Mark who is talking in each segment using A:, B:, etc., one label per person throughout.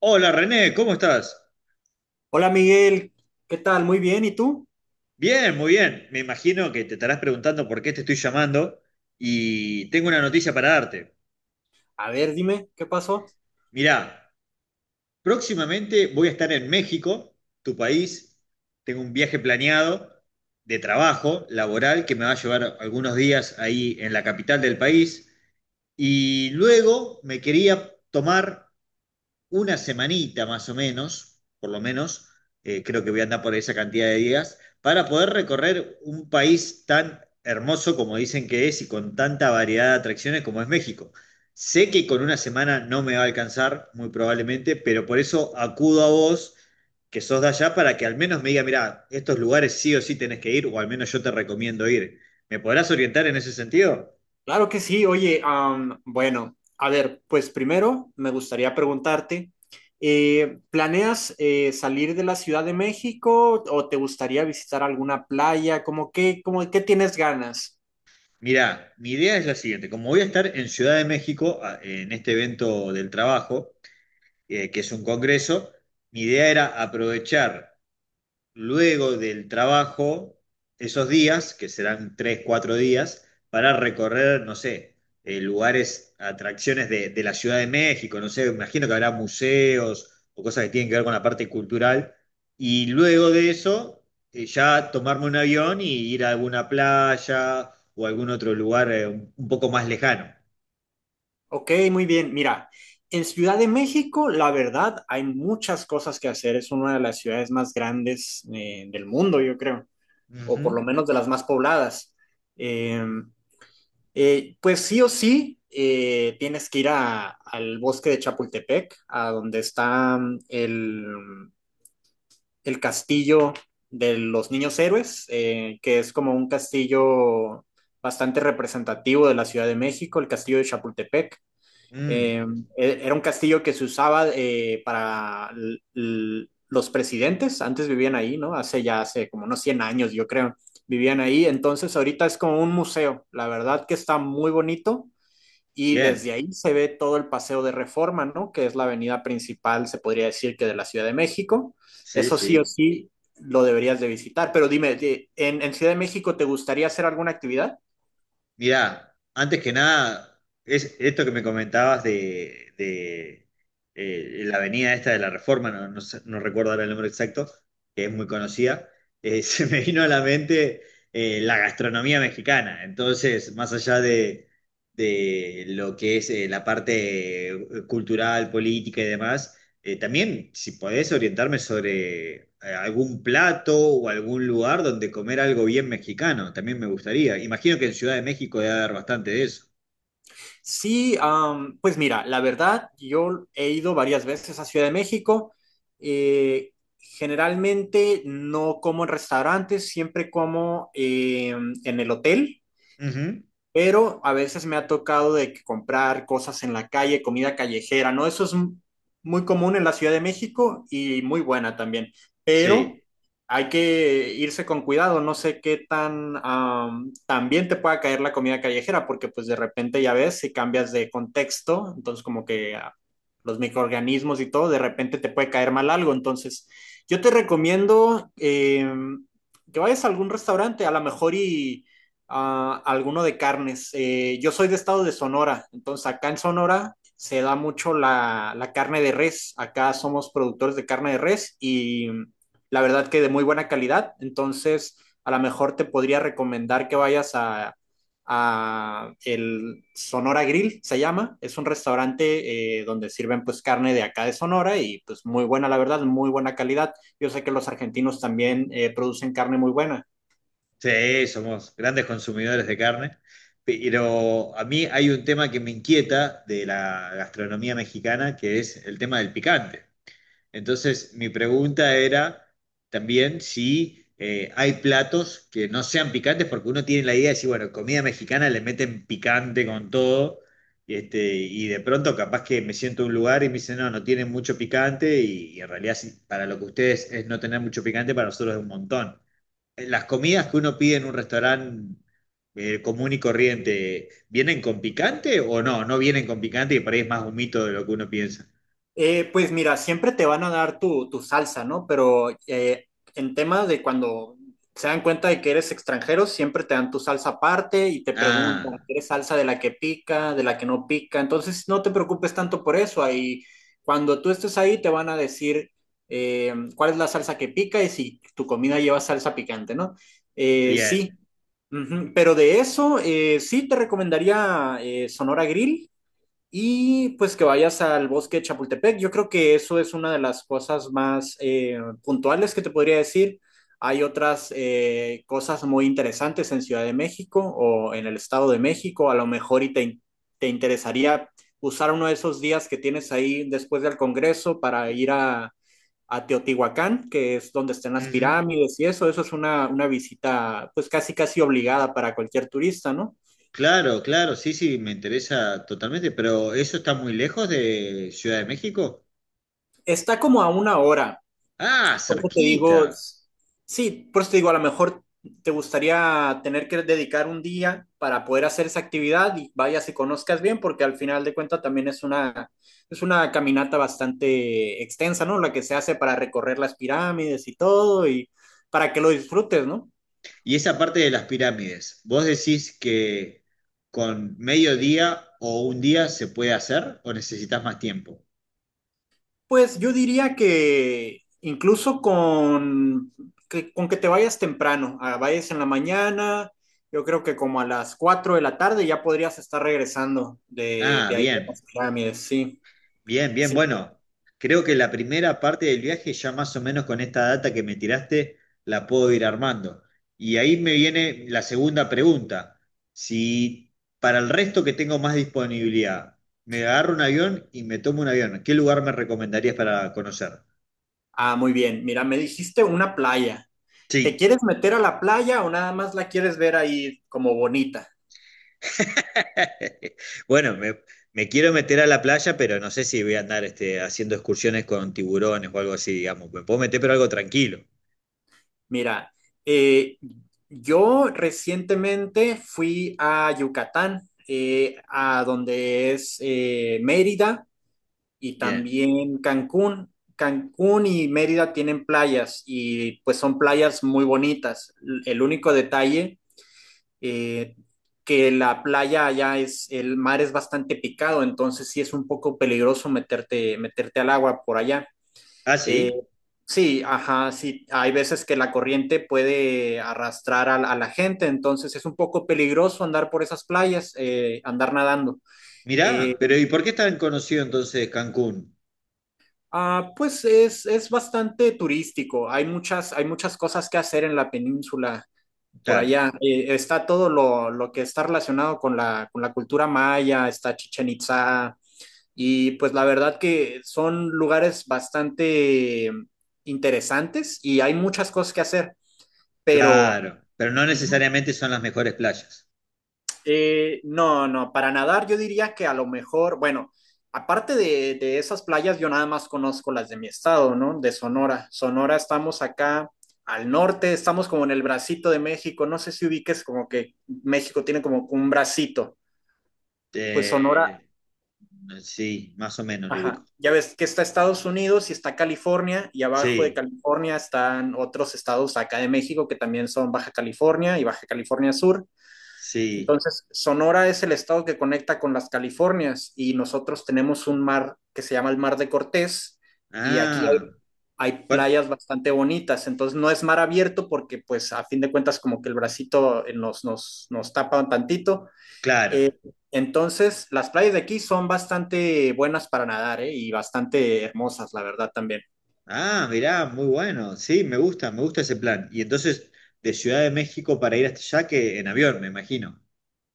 A: Hola René, ¿cómo estás?
B: Hola Miguel, ¿qué tal? Muy bien, ¿y tú?
A: Bien, muy bien. Me imagino que te estarás preguntando por qué te estoy llamando y tengo una noticia para darte.
B: A ver, dime, ¿qué pasó?
A: Mirá, próximamente voy a estar en México, tu país. Tengo un viaje planeado de trabajo laboral que me va a llevar algunos días ahí en la capital del país. Y luego me quería tomar una semanita más o menos, por lo menos, creo que voy a andar por esa cantidad de días, para poder recorrer un país tan hermoso como dicen que es y con tanta variedad de atracciones como es México. Sé que con una semana no me va a alcanzar, muy probablemente, pero por eso acudo a vos, que sos de allá, para que al menos me diga, mirá, estos lugares sí o sí tenés que ir, o al menos yo te recomiendo ir. ¿Me podrás orientar en ese sentido?
B: Claro que sí, oye, bueno, a ver, pues primero me gustaría preguntarte, ¿planeas salir de la Ciudad de México o te gustaría visitar alguna playa? Cómo qué tienes ganas?
A: Mirá, mi idea es la siguiente. Como voy a estar en Ciudad de México en este evento del trabajo, que es un congreso, mi idea era aprovechar luego del trabajo esos días, que serán tres, cuatro días, para recorrer, no sé, lugares, atracciones de la Ciudad de México, no sé, imagino que habrá museos o cosas que tienen que ver con la parte cultural. Y luego de eso, ya tomarme un avión y ir a alguna playa o algún otro lugar un poco más lejano.
B: Ok, muy bien, mira, en Ciudad de México, la verdad, hay muchas cosas que hacer, es una de las ciudades más grandes del mundo, yo creo, o por
A: Ujú.
B: lo menos de las más pobladas. Em, pues sí o sí, tienes que ir al bosque de Chapultepec, a donde está el castillo de los niños héroes, que es como un castillo bastante representativo de la Ciudad de México, el castillo de Chapultepec.
A: Mm,
B: Eh, Era un castillo que se usaba para los presidentes, antes vivían ahí, ¿no? Hace ya, hace como unos 100 años, yo creo, vivían ahí. Entonces ahorita es como un museo, la verdad que está muy bonito. Y desde
A: bien,
B: ahí se ve todo el Paseo de Reforma, ¿no? Que es la avenida principal, se podría decir que de la Ciudad de México.
A: sí,
B: Eso sí o
A: sí.
B: sí lo deberías de visitar. Pero dime, en Ciudad de México te gustaría hacer alguna actividad?
A: Mirá, antes que nada, es esto que me comentabas de, la avenida esta de la Reforma, no, no recuerdo ahora el nombre exacto, que es muy conocida, se me vino a la mente la gastronomía mexicana. Entonces, más allá de lo que es la parte cultural, política y demás, también, si podés orientarme sobre algún plato o algún lugar donde comer algo bien mexicano, también me gustaría. Imagino que en Ciudad de México debe haber bastante de eso.
B: Sí, pues mira, la verdad, yo he ido varias veces a Ciudad de México. Eh, Generalmente no como en restaurantes, siempre como en el hotel.
A: Ujú.
B: Pero a veces me ha tocado de que comprar cosas en la calle, comida callejera, ¿no? Muy común en la Ciudad de México y muy buena también, pero
A: Sí,
B: hay que irse con cuidado, no sé qué tan también te pueda caer la comida callejera, porque pues de repente ya ves, si cambias de contexto, entonces como que los microorganismos y todo, de repente te puede caer mal algo, entonces yo te recomiendo que vayas a algún restaurante, a lo mejor y alguno de carnes. Yo soy de estado de Sonora, entonces acá en Sonora se da mucho la, la carne de res. Acá somos productores de carne de res y la verdad que de muy buena calidad. Entonces, a lo mejor te podría recomendar que vayas a el Sonora Grill, se llama. Es un restaurante donde sirven pues carne de acá de Sonora y pues muy buena, la verdad, muy buena calidad. Yo sé que los argentinos también producen carne muy buena.
A: sí, somos grandes consumidores de carne, pero a mí hay un tema que me inquieta de la gastronomía mexicana, que es el tema del picante. Entonces, mi pregunta era también si hay platos que no sean picantes, porque uno tiene la idea de decir, bueno, comida mexicana le meten picante con todo, y, este, y de pronto capaz que me siento en un lugar y me dicen, no, no tienen mucho picante, y en realidad sí, para lo que ustedes es no tener mucho picante, para nosotros es un montón. Las comidas que uno pide en un restaurante común y corriente, ¿vienen con picante o no? No vienen con picante y por ahí es más un mito de lo que uno piensa.
B: Pues mira, siempre te van a dar tu, tu salsa, ¿no? Pero en tema de cuando se dan cuenta de que eres extranjero, siempre te dan tu salsa aparte y te preguntan,
A: Ah,
B: ¿quieres salsa de la que pica, de la que no pica? Entonces no te preocupes tanto por eso. Ahí, cuando tú estés ahí, te van a decir cuál es la salsa que pica y si tu comida lleva salsa picante, ¿no?
A: bien.
B: Sí. Ujú. Pero de eso, sí te recomendaría Sonora Grill y pues que vayas al bosque de Chapultepec. Yo creo que eso es una de las cosas más puntuales que te podría decir. Hay otras cosas muy interesantes en Ciudad de México o en el Estado de México. A lo mejor y te interesaría usar uno de esos días que tienes ahí después del Congreso para ir a Teotihuacán, que es donde están las
A: Ujú.
B: pirámides y eso. Eso es una visita pues casi casi obligada para cualquier turista, ¿no?
A: Claro, claro, sí, sí, me interesa totalmente, pero ¿eso está muy lejos de Ciudad de México?
B: Está como a una hora.
A: Ah,
B: Por eso te digo,
A: cerquita.
B: sí, por eso te digo, a lo mejor te gustaría tener que dedicar un día para poder hacer esa actividad y vayas y conozcas bien, porque al final de cuentas también es una caminata bastante extensa, ¿no? La que se hace para recorrer las pirámides y todo, y para que lo disfrutes, ¿no?
A: Y esa parte de las pirámides, ¿vos decís que con medio día o un día se puede hacer o necesitas más tiempo?
B: Pues yo diría que incluso con que te vayas temprano, vayas en la mañana, yo creo que como a las 4 de la tarde ya podrías estar regresando
A: Ah,
B: de ahí a
A: bien.
B: las pirámides, sí,
A: Bien, bien,
B: sí.
A: bueno, creo que la primera parte del viaje ya más o menos con esta data que me tiraste la puedo ir armando. Y ahí me viene la segunda pregunta. Si para el resto que tengo más disponibilidad, me tomo un avión, ¿qué lugar me recomendarías para conocer?
B: Ah, muy bien. Mira, me dijiste una playa. ¿Te
A: Sí.
B: quieres meter a la playa o nada más la quieres ver ahí como bonita?
A: Bueno, me quiero meter a la playa, pero no sé si voy a andar este, haciendo excursiones con tiburones o algo así, digamos. Me puedo meter, pero algo tranquilo.
B: Mira, eh, yo recientemente fui a Yucatán, a donde es Mérida y
A: Bien.
B: también Cancún. Cancún y Mérida tienen playas y pues son playas muy bonitas. El único detalle eh, que la playa allá es, el mar es bastante picado, entonces sí es un poco peligroso meterte, meterte al agua por allá.
A: ¿Ah,
B: Eh,
A: sí?
B: sí, ajá, sí, hay veces que la corriente puede arrastrar a la gente, entonces es un poco peligroso andar por esas playas, andar nadando.
A: Mirá,
B: Eh,
A: pero ¿y por qué es tan conocido entonces Cancún?
B: Pues es bastante turístico. Hay muchas cosas que hacer en la península por
A: Claro,
B: allá. Está todo lo que está relacionado con la cultura maya, está Chichen Itza y pues la verdad que son lugares bastante interesantes y hay muchas cosas que hacer, pero
A: claro, pero no
B: ujú.
A: necesariamente son las mejores playas.
B: No, no, para nadar yo diría que a lo mejor, bueno, aparte de esas playas, yo nada más conozco las de mi estado, ¿no? De Sonora. Sonora estamos acá al norte, estamos como en el bracito de México, no sé si ubiques como que México tiene como un bracito, pues Sonora,
A: Eh, sí, más o menos lo ubico.
B: ajá, ya ves que está Estados Unidos y está California y abajo de
A: Sí,
B: California están otros estados acá de México que también son Baja California y Baja California Sur.
A: sí.
B: Entonces, Sonora es el estado que conecta con las Californias y nosotros tenemos un mar que se llama el Mar de Cortés y aquí
A: Ah,
B: hay, hay
A: bueno,
B: playas bastante bonitas. Entonces, no es mar abierto porque, pues, a fin de cuentas, como que el bracito nos, nos, nos tapa un tantito.
A: claro.
B: Eh, entonces, las playas de aquí son bastante buenas para nadar, ¿eh? Y bastante hermosas, la verdad, también.
A: Ah, mirá, muy bueno. Sí, me gusta ese plan. Y entonces, de Ciudad de México para ir hasta allá, que en avión, me imagino.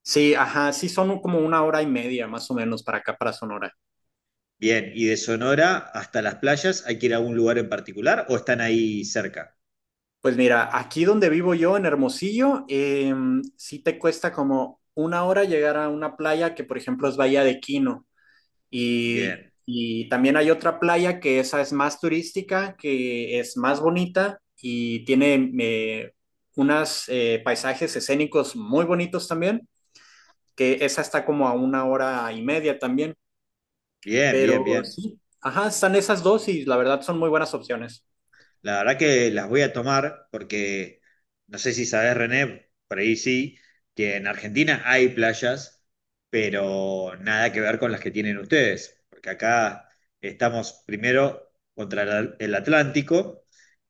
B: Sí, ajá, sí, son como una hora y media más o menos para acá, para Sonora.
A: Bien, y de Sonora hasta las playas, ¿hay que ir a algún lugar en particular o están ahí cerca?
B: Pues mira, aquí donde vivo yo, en Hermosillo, sí te cuesta como una hora llegar a una playa que, por ejemplo, es Bahía de Quino.
A: Bien,
B: Y también hay otra playa que esa es más turística, que es más bonita y tiene unos paisajes escénicos muy bonitos también, que esa está como a una hora y media también.
A: bien, bien,
B: Pero
A: bien.
B: sí, ajá, están esas dos y la verdad son muy buenas opciones.
A: La verdad que las voy a tomar porque no sé si sabes René, por ahí sí, que en Argentina hay playas, pero nada que ver con las que tienen ustedes, porque acá estamos primero contra el Atlántico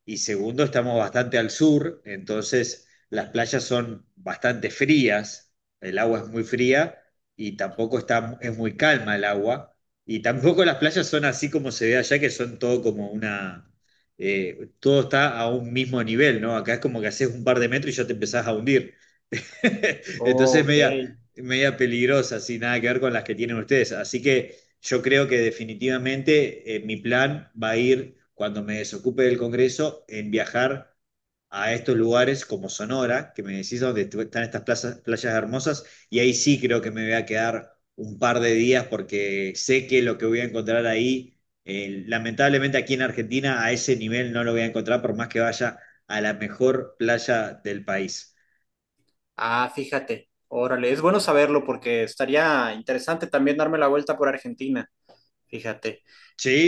A: y segundo estamos bastante al sur, entonces las playas son bastante frías, el agua es muy fría y tampoco está, es muy calma el agua. Y tampoco las playas son así como se ve allá, que son todo como una, todo está a un mismo nivel, ¿no? Acá es como que haces un par de metros y ya te empezás a hundir. Entonces,
B: Ok.
A: media peligrosa, sin nada que ver con las que tienen ustedes. Así que yo creo que definitivamente mi plan va a ir, cuando me desocupe del Congreso, en viajar a estos lugares como Sonora, que me decís donde están estas playas hermosas, y ahí sí creo que me voy a quedar un par de días porque sé que lo que voy a encontrar ahí, lamentablemente aquí en Argentina, a ese nivel no lo voy a encontrar por más que vaya a la mejor playa del país.
B: Ah, fíjate, órale, es bueno saberlo porque estaría interesante también darme la vuelta por Argentina, fíjate.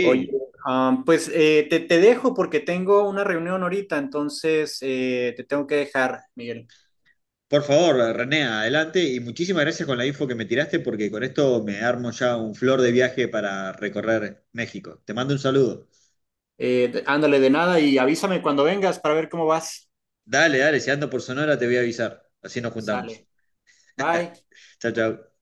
B: Oye, pues te dejo porque tengo una reunión ahorita, entonces te tengo que dejar, Miguel.
A: Por favor, René, adelante y muchísimas gracias con la info que me tiraste porque con esto me armo ya un flor de viaje para recorrer México. Te mando un saludo.
B: Ándale de nada y avísame cuando vengas para ver cómo vas.
A: Dale, dale, si ando por Sonora te voy a avisar. Así nos juntamos.
B: Sale, bye.
A: Chao, chao.